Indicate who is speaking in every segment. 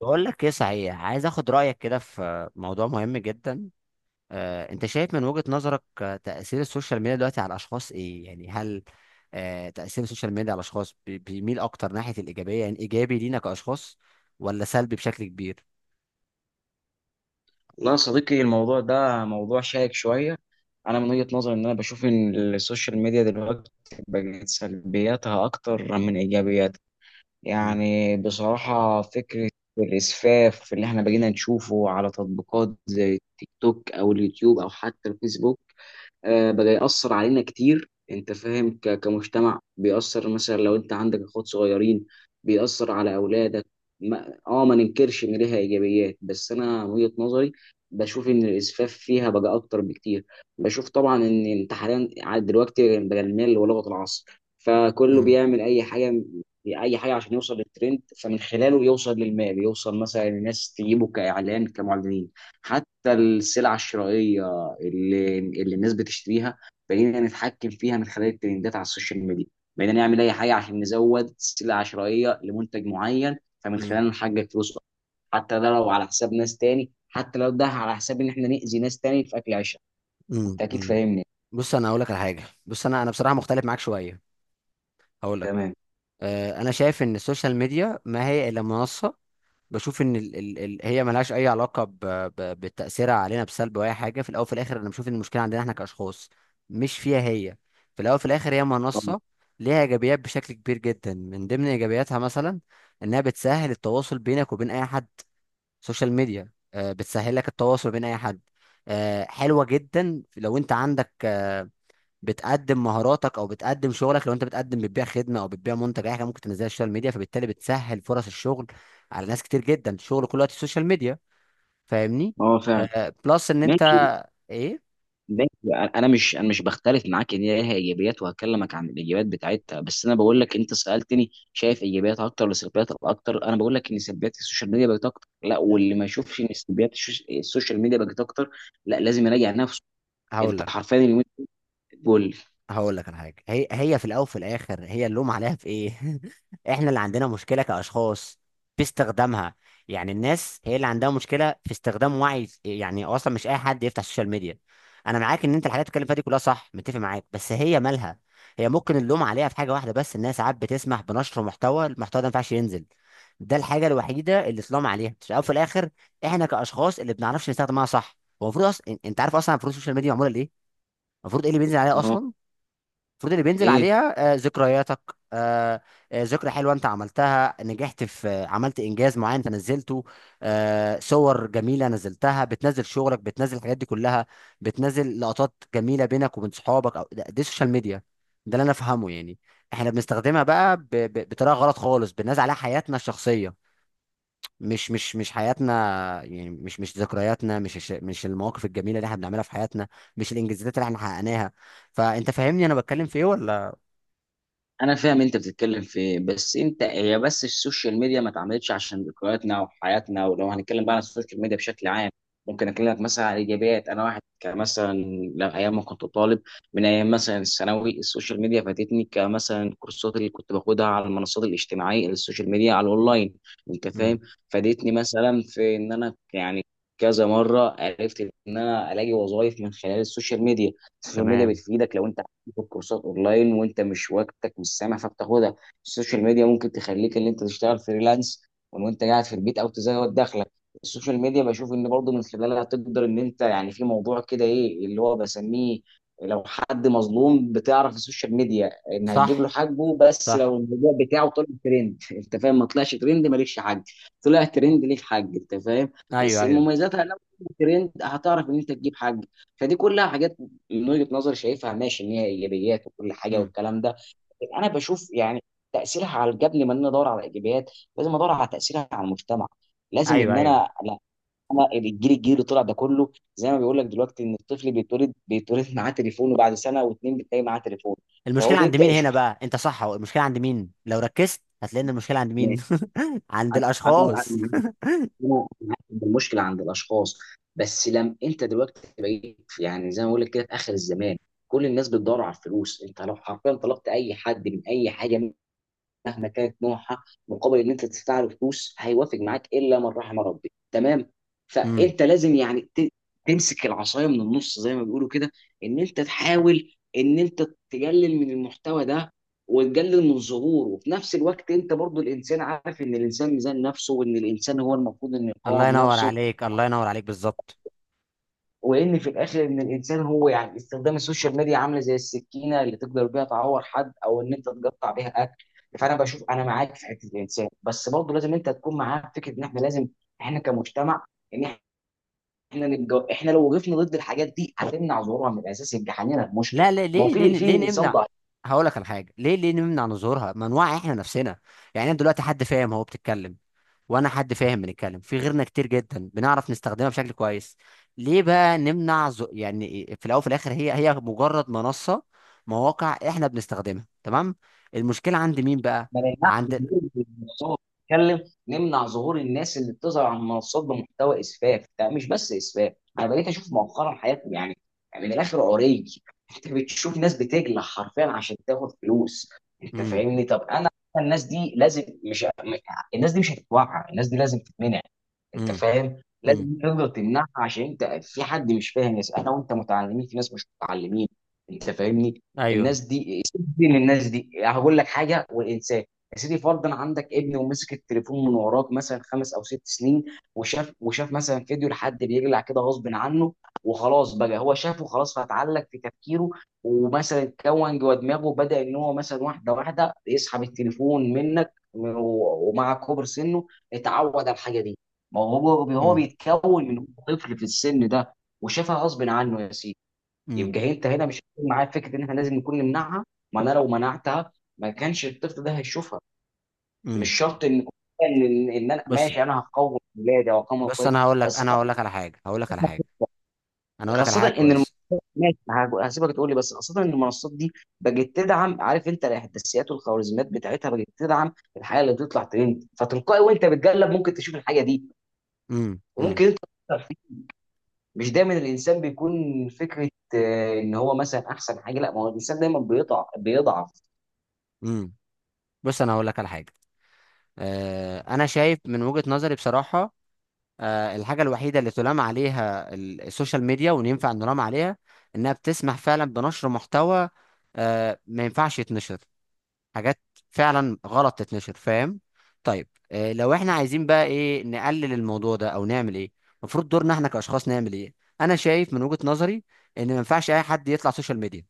Speaker 1: بقول لك ايه صحيح، عايز اخد رايك كده في موضوع مهم جدا. انت شايف من وجهة نظرك، تاثير السوشيال ميديا دلوقتي على الاشخاص ايه؟ يعني هل تاثير السوشيال ميديا على الاشخاص بيميل اكتر ناحيه الايجابيه؟ يعني ايجابي لينا كاشخاص ولا سلبي بشكل كبير؟
Speaker 2: والله يا صديقي، الموضوع ده موضوع شائك شوية. أنا من وجهة نظري إن أنا بشوف إن السوشيال ميديا دلوقتي بقت سلبياتها أكتر من إيجابياتها.
Speaker 1: مم.
Speaker 2: بصراحة فكرة الإسفاف اللي إحنا بقينا نشوفه على تطبيقات زي التيك توك أو اليوتيوب أو حتى الفيسبوك، بقى يأثر علينا كتير. انت فاهم، كمجتمع بيأثر، مثلا لو انت عندك اخوات صغيرين بيأثر على اولادك. ما ننكرش ان ليها ايجابيات، بس انا من وجهة نظري بشوف ان الاسفاف فيها بقى اكتر بكتير. بشوف طبعا ان انت حاليا عاد دلوقتي بقى المال ولغة العصر، فكله
Speaker 1: مم.
Speaker 2: بيعمل اي حاجة، اي حاجة عشان يوصل للترند، فمن خلاله يوصل للمال، يوصل مثلا الناس تجيبه كاعلان كمعلنين. حتى السلع الشرائية اللي الناس بتشتريها بقينا نتحكم فيها من خلال الترندات على السوشيال ميديا. بقينا نعمل اي حاجه عشان نزود سلة عشوائيه لمنتج معين فمن
Speaker 1: مم.
Speaker 2: خلاله نحقق فلوس، حتى ده لو على حساب ناس تاني، حتى لو ده على حساب ان احنا نأذي ناس تاني في اكل عيشها.
Speaker 1: مم.
Speaker 2: انت اكيد
Speaker 1: مم.
Speaker 2: فاهمني.
Speaker 1: بص، انا هقول لك على حاجه. بص، انا بصراحه مختلف معاك شويه. هقول لك،
Speaker 2: تمام.
Speaker 1: انا شايف ان السوشيال ميديا ما هي الا منصه. بشوف ان ال هي ملهاش اي علاقه ب بتاثيرها علينا بسلب او اي حاجه. في الاول وفي الاخر انا بشوف ان المشكله عندنا احنا كاشخاص، مش فيها هي. في الاول وفي الاخر هي منصه،
Speaker 2: اه.
Speaker 1: ليها ايجابيات بشكل كبير جدا. من ضمن ايجابياتها مثلا انها بتسهل التواصل بينك وبين اي حد. سوشيال ميديا بتسهل لك التواصل بين اي حد. حلوه جدا. لو انت عندك، بتقدم مهاراتك او بتقدم شغلك، لو انت بتقدم بتبيع خدمه او بتبيع منتج، اي حاجه ممكن تنزلها على السوشيال ميديا، فبالتالي بتسهل فرص الشغل على ناس كتير جدا. الشغل كله دلوقتي السوشيال ميديا. فاهمني؟
Speaker 2: فعلا.
Speaker 1: بلس ان انت،
Speaker 2: ماشي.
Speaker 1: ايه.
Speaker 2: ماشي، انا مش بختلف معاك ان هي ليها ايجابيات، وهكلمك عن الايجابيات بتاعتها، بس انا بقول لك، انت سالتني شايف ايجابيات اكتر ولا سلبيات اكتر، انا بقول لك ان سلبيات السوشيال ميديا بقت اكتر. لا، واللي ما يشوفش ان سلبيات السوشيال ميديا بقت اكتر لا لازم يراجع نفسه.
Speaker 1: هقول
Speaker 2: انت
Speaker 1: لك،
Speaker 2: حرفيا اليومين دول
Speaker 1: هقول لك على حاجه. هي هي في الاول وفي الاخر، هي اللوم عليها في ايه؟ احنا اللي عندنا مشكله كاشخاص في استخدامها. يعني الناس هي اللي عندها مشكله في استخدام، وعي. يعني اصلا مش اي حد يفتح السوشيال ميديا. انا معاك ان انت الحاجات اللي بتتكلم فيها دي كلها صح، متفق معاك، بس هي مالها. هي ممكن اللوم عليها في حاجه واحده بس، الناس ساعات بتسمح بنشر محتوى، المحتوى ده ما ينفعش ينزل. ده الحاجه الوحيده اللي اتلام عليها. في الاول وفي الاخر احنا كاشخاص اللي بنعرفش نستخدمها صح. هو المفروض اصلا، انت عارف اصلا المفروض السوشيال ميديا معموله ليه؟ المفروض ايه اللي بينزل عليها
Speaker 2: اللي هو
Speaker 1: اصلا؟ المفروض اللي بينزل
Speaker 2: ايه.
Speaker 1: عليها ذكرياتك، آه، ذكرى حلوه انت عملتها، نجحت في عملت انجاز معين انت نزلته، صور جميله نزلتها، بتنزل شغلك، بتنزل الحاجات دي كلها، بتنزل لقطات جميله بينك وبين صحابك، او ده دي السوشيال ميديا، ده اللي انا افهمه يعني. احنا بنستخدمها بقى بطريقه غلط خالص. بننزل عليها حياتنا الشخصيه، مش حياتنا، يعني مش ذكرياتنا، مش المواقف الجميله اللي احنا بنعملها في حياتنا، مش الانجازات اللي احنا حققناها. فانت فاهمني انا بتكلم في ايه ولا؟
Speaker 2: انا فاهم انت بتتكلم في ايه، بس انت هي بس السوشيال ميديا ما اتعملتش عشان ذكرياتنا وحياتنا. ولو هنتكلم بقى عن السوشيال ميديا بشكل عام، ممكن اكلمك مثلا عن الايجابيات. انا واحد كمثلا لو ايام ما كنت طالب، من ايام مثلا الثانوي، السوشيال ميديا فاتتني كمثلا الكورسات اللي كنت باخدها على المنصات الاجتماعيه، السوشيال ميديا على الاونلاين، انت
Speaker 1: امم.
Speaker 2: فاهم. فادتني مثلا في ان انا، كذا مره عرفت ان انا الاقي وظائف من خلال السوشيال ميديا. السوشيال ميديا
Speaker 1: تمام.
Speaker 2: بتفيدك لو انت تاخد كورسات اونلاين وانت مش وقتك مش سامح فبتاخدها. السوشيال ميديا ممكن تخليك ان انت تشتغل فريلانس وانت قاعد في البيت او تزود دخلك. السوشيال ميديا بشوف ان برضه من خلالها تقدر ان انت، يعني في موضوع كده ايه اللي هو بسميه، لو حد مظلوم بتعرف السوشيال ميديا ان هتجيب
Speaker 1: صح.
Speaker 2: له حقه، بس
Speaker 1: صح.
Speaker 2: لو الموضوع بتاعه طلع ترند انت فاهم، ما طلعش ترند مالكش حق، طلع ترند ليك حق، انت فاهم. بس
Speaker 1: ايوه، ايوه.
Speaker 2: مميزاتها لو طلع ترند هتعرف ان انت تجيب حق. فدي كلها حاجات من وجهة نظري شايفها ماشي ان هي ايجابيات وكل حاجه
Speaker 1: امم.
Speaker 2: والكلام ده. انا بشوف تاثيرها على، قبل ما انا ادور على الايجابيات لازم ادور على تاثيرها على المجتمع. لازم
Speaker 1: ايوه،
Speaker 2: ان
Speaker 1: ايوه.
Speaker 2: انا لا، الجيل، اللي طلع ده كله زي ما بيقول لك دلوقتي، ان الطفل بيتولد، بيتولد معاه تليفون، وبعد سنه واتنين بتلاقي معاه تليفون، فهو
Speaker 1: المشكله عند
Speaker 2: بيبدا
Speaker 1: مين
Speaker 2: يشوف
Speaker 1: هنا
Speaker 2: حاجات.
Speaker 1: بقى؟ انت صح، هو المشكله عند مين؟ لو ركزت هتلاقي ان المشكله عند مين. عند
Speaker 2: انا انا أنا معاك.
Speaker 1: الاشخاص.
Speaker 2: أنا معاك إن المشكله عند الاشخاص، بس لم انت دلوقتي بقيت، زي ما بقول لك كده، في اخر الزمان كل الناس بتدور على الفلوس. انت لو حرفيا طلبت اي حد من اي حاجه مهما كانت نوعها مقابل ان انت تدفع له فلوس هيوافق معاك، الا من رحم ربي. تمام.
Speaker 1: امم.
Speaker 2: فانت لازم تمسك العصايه من النص زي ما بيقولوا كده، ان انت تحاول ان انت تقلل من المحتوى ده، وتقلل من ظهوره. وفي نفس الوقت انت برضو الانسان، عارف ان الانسان ميزان نفسه، وان الانسان هو المفروض انه
Speaker 1: الله
Speaker 2: يقاوم
Speaker 1: ينور
Speaker 2: نفسه،
Speaker 1: عليك، الله ينور عليك، بالظبط.
Speaker 2: وان في الاخر ان الانسان هو، يعني استخدام السوشيال ميديا عامله زي السكينه، اللي تقدر بيها تعور حد او ان انت تقطع بيها اكل. فانا بشوف، انا معاك في حته الانسان، بس برضه لازم انت تكون معاك في فكره ان احنا لازم، احنا كمجتمع، ان احنا احنا لو وقفنا ضد الحاجات دي هتمنع ظهورها من الاساس، يبقى حلينا المشكله.
Speaker 1: لا لا،
Speaker 2: ما هو
Speaker 1: ليه ليه
Speaker 2: في
Speaker 1: ليه
Speaker 2: انسان
Speaker 1: نمنع؟
Speaker 2: ضعيف.
Speaker 1: هقول لك على حاجه. ليه ليه نمنع من ظهورها؟ ما نوعي احنا نفسنا. يعني أنا دلوقتي حد فاهم، هو بتتكلم وانا حد فاهم، بنتكلم. في غيرنا كتير جدا بنعرف نستخدمها بشكل كويس. ليه بقى نمنع يعني؟ في الاول وفي الاخر هي هي مجرد منصه، مواقع احنا بنستخدمها. تمام. المشكله عند مين بقى؟
Speaker 2: ما نمنعش
Speaker 1: عند.
Speaker 2: ظهور المنصات بتتكلم، نمنع ظهور الناس اللي بتظهر على المنصات بمحتوى اسفاف. ده مش بس اسفاف، انا بقيت اشوف مؤخرا حياتي، يعني يعني من الاخر عري، انت بتشوف ناس بتجلع حرفيا عشان تاخد فلوس. انت
Speaker 1: امم.
Speaker 2: فاهمني؟ طب انا الناس دي لازم مش، الناس دي مش هتتوعى، الناس دي لازم تتمنع. انت
Speaker 1: امم.
Speaker 2: فاهم؟ لازم
Speaker 1: امم.
Speaker 2: انت تقدر تمنعها، عشان انت في حد مش فاهم، ناس انا وانت متعلمين في ناس مش متعلمين، انت فاهمني.
Speaker 1: ايوه.
Speaker 2: الناس دي سيبني من الناس دي، هقول لك حاجه. والانسان يا سيدي فرضا عندك ابن ومسك التليفون من وراك مثلا خمس او ست سنين، وشاف، مثلا فيديو لحد بيجلع كده غصب عنه، وخلاص بقى هو شافه خلاص فاتعلق في تفكيره، ومثلا كون جوه دماغه، وبدا ان هو مثلا واحده واحده يسحب التليفون منك ومع كبر سنه اتعود على الحاجه دي. ما هو هو
Speaker 1: امم.
Speaker 2: بيتكون من هو طفل في السن ده، وشافها غصب عنه، يا سيدي.
Speaker 1: امم.
Speaker 2: يبقى انت هنا مش هتكون معايا في فكره ان احنا لازم نكون نمنعها؟ ما انا لو منعتها ما كانش الطفل ده هيشوفها. مش
Speaker 1: امم.
Speaker 2: شرط ان إن انا
Speaker 1: بص،
Speaker 2: ماشي انا هقوم ولادي او هقوم
Speaker 1: بص
Speaker 2: اخواتي،
Speaker 1: انا هقول لك،
Speaker 2: بس
Speaker 1: انا
Speaker 2: فعلا
Speaker 1: هقول لك على حاجه، هقول لك على حاجه، انا هقول لك على
Speaker 2: خاصه
Speaker 1: حاجه
Speaker 2: ان
Speaker 1: كويس.
Speaker 2: ماشي، هسيبك تقول لي، بس خاصه ان المنصات دي بقت تدعم، عارف انت الاحداثيات والخوارزميات بتاعتها بقت تدعم الحاجه اللي بتطلع ترند، فتلقائي وانت بتقلب ممكن تشوف الحاجه دي،
Speaker 1: امم. امم.
Speaker 2: وممكن انت مش دايما الانسان بيكون فكره، ان هو مثلا احسن حاجه. لا، ما هو الانسان دايما بيضعف،
Speaker 1: امم. بص انا هقول لك على حاجه. انا شايف من وجهه نظري بصراحه، الحاجة الوحيدة اللي تلام عليها السوشيال ميديا وان ينفع نلام عليها، انها بتسمح فعلا بنشر محتوى ما ينفعش يتنشر، حاجات فعلا غلط تتنشر. فاهم؟ طيب، لو احنا عايزين بقى ايه، نقلل الموضوع ده او نعمل ايه؟ المفروض دورنا احنا كاشخاص نعمل ايه؟ انا شايف من وجهة نظري ان ما ينفعش اي حد يطلع سوشيال ميديا.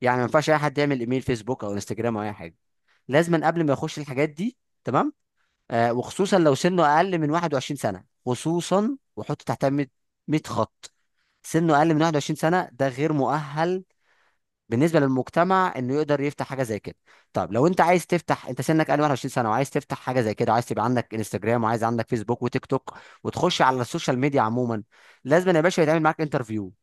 Speaker 1: يعني ما ينفعش اي حد يعمل ايميل فيسبوك او انستجرام او اي حاجة لازما، قبل ما يخش الحاجات دي. تمام؟ وخصوصا لو سنه اقل من 21 سنه، خصوصا، وحط تحتها 100، 100 خط. سنه اقل من 21 سنه ده غير مؤهل بالنسبه للمجتمع انه يقدر يفتح حاجه زي كده. طب لو انت عايز تفتح، انت سنك اقل من 21 سنه وعايز تفتح حاجه زي كده، وعايز تبقى عندك انستجرام، وعايز عندك فيسبوك وتيك توك، وتخش على السوشيال ميديا عموما، لازم يا باشا يتعمل معاك انترفيو،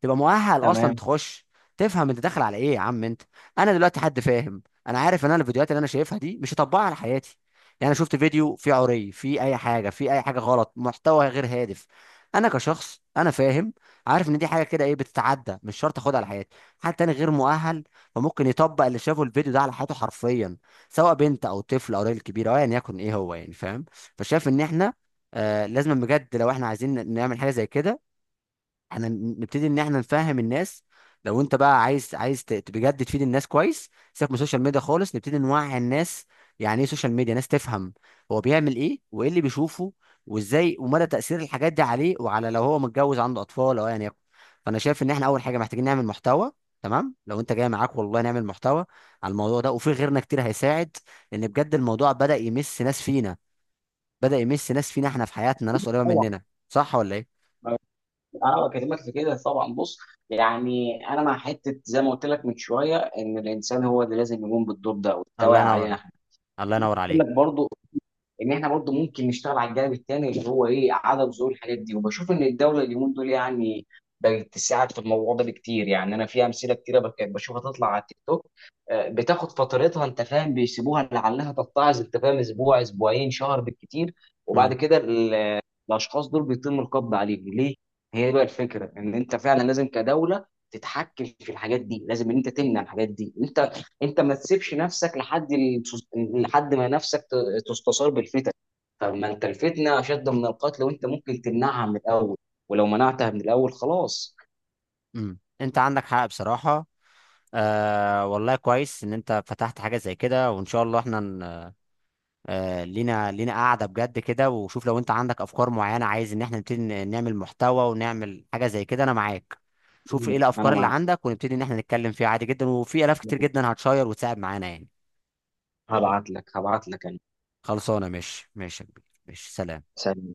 Speaker 1: تبقى مؤهل اصلا
Speaker 2: تمام.
Speaker 1: تخش. تفهم انت داخل على ايه يا عم انت. انا دلوقتي حد فاهم، انا عارف ان انا الفيديوهات اللي انا شايفها دي مش هطبقها على حياتي. يعني انا شفت فيديو فيه عري، فيه اي حاجه، فيه اي حاجه غلط، محتوى غير هادف، انا كشخص انا فاهم، عارف ان دي حاجه كده ايه، بتتعدى، مش شرط اخدها على حياتي. حد تاني غير مؤهل، فممكن يطبق اللي شافه الفيديو ده على حياته حرفيا، سواء بنت او طفل او راجل كبير او ايا يعني يكن ايه هو يعني. فاهم؟ فشايف ان احنا آه لازم بجد، لو احنا عايزين نعمل حاجه زي كده، احنا نبتدي ان احنا نفهم الناس. لو انت بقى عايز، عايز بجد تفيد الناس كويس، سيبك من السوشيال ميديا خالص، نبتدي نوعي الناس يعني ايه سوشيال ميديا، ناس تفهم هو بيعمل ايه وايه اللي بيشوفه وازاي، ومدى تأثير الحاجات دي عليه، وعلى لو هو متجوز عنده اطفال او ايا يكن. فانا شايف ان احنا اول حاجه محتاجين نعمل محتوى. تمام، لو انت جاي معاك، والله نعمل محتوى على الموضوع ده، وفي غيرنا كتير هيساعد. لان بجد الموضوع بدأ يمس ناس فينا، بدأ يمس ناس فينا احنا في حياتنا، ناس قريبه
Speaker 2: طبعا،
Speaker 1: مننا. صح ولا ايه؟
Speaker 2: انا بكلمك في كده طبعا. بص، يعني انا مع حته زي ما قلت لك من شويه ان الانسان هو اللي لازم يقوم بالدور ده
Speaker 1: الله
Speaker 2: والتوعية علينا
Speaker 1: ينور،
Speaker 2: احنا.
Speaker 1: الله ينور
Speaker 2: بقول
Speaker 1: عليك.
Speaker 2: لك برضو ان احنا برضو ممكن نشتغل على الجانب التاني اللي هو ايه، عدم ظهور الحاجات دي. وبشوف ان الدوله اليومين دول يعني بقت تساعد في الموضوع ده بكتير. يعني انا في امثله كتيره بشوفها تطلع على التيك توك، بتاخد فترتها، انت فاهم، بيسيبوها لعلها تتعظ، انت فاهم، اسبوع، اسبوعين، شهر بالكتير،
Speaker 1: مم.
Speaker 2: وبعد كده الاشخاص دول بيتم القبض عليهم. ليه؟ هي بقى الفكره ان انت فعلا لازم كدوله تتحكم في الحاجات دي، لازم ان انت تمنع الحاجات دي. انت انت ما تسيبش نفسك لحد لحد ما نفسك تستثار بالفتن. طب ما انت الفتنه اشد من القتل، وانت ممكن تمنعها من الاول، ولو منعتها من الاول خلاص.
Speaker 1: مم. انت عندك حق بصراحة. والله كويس ان انت فتحت حاجة زي كده. وان شاء الله احنا آه لينا، لينا قاعدة بجد كده، وشوف لو انت عندك افكار معينة، عايز ان احنا نبتدي نعمل محتوى ونعمل حاجة زي كده، انا معاك. شوف ايه
Speaker 2: انا
Speaker 1: الافكار اللي
Speaker 2: معاك.
Speaker 1: عندك ونبتدي ان احنا نتكلم فيها عادي جدا، وفي الاف كتير جدا هتشير وتساعد معانا يعني.
Speaker 2: هبعت لك انا.
Speaker 1: خلصانة، ماشي ماشي يا كبير. ماشي، سلام.
Speaker 2: سلام.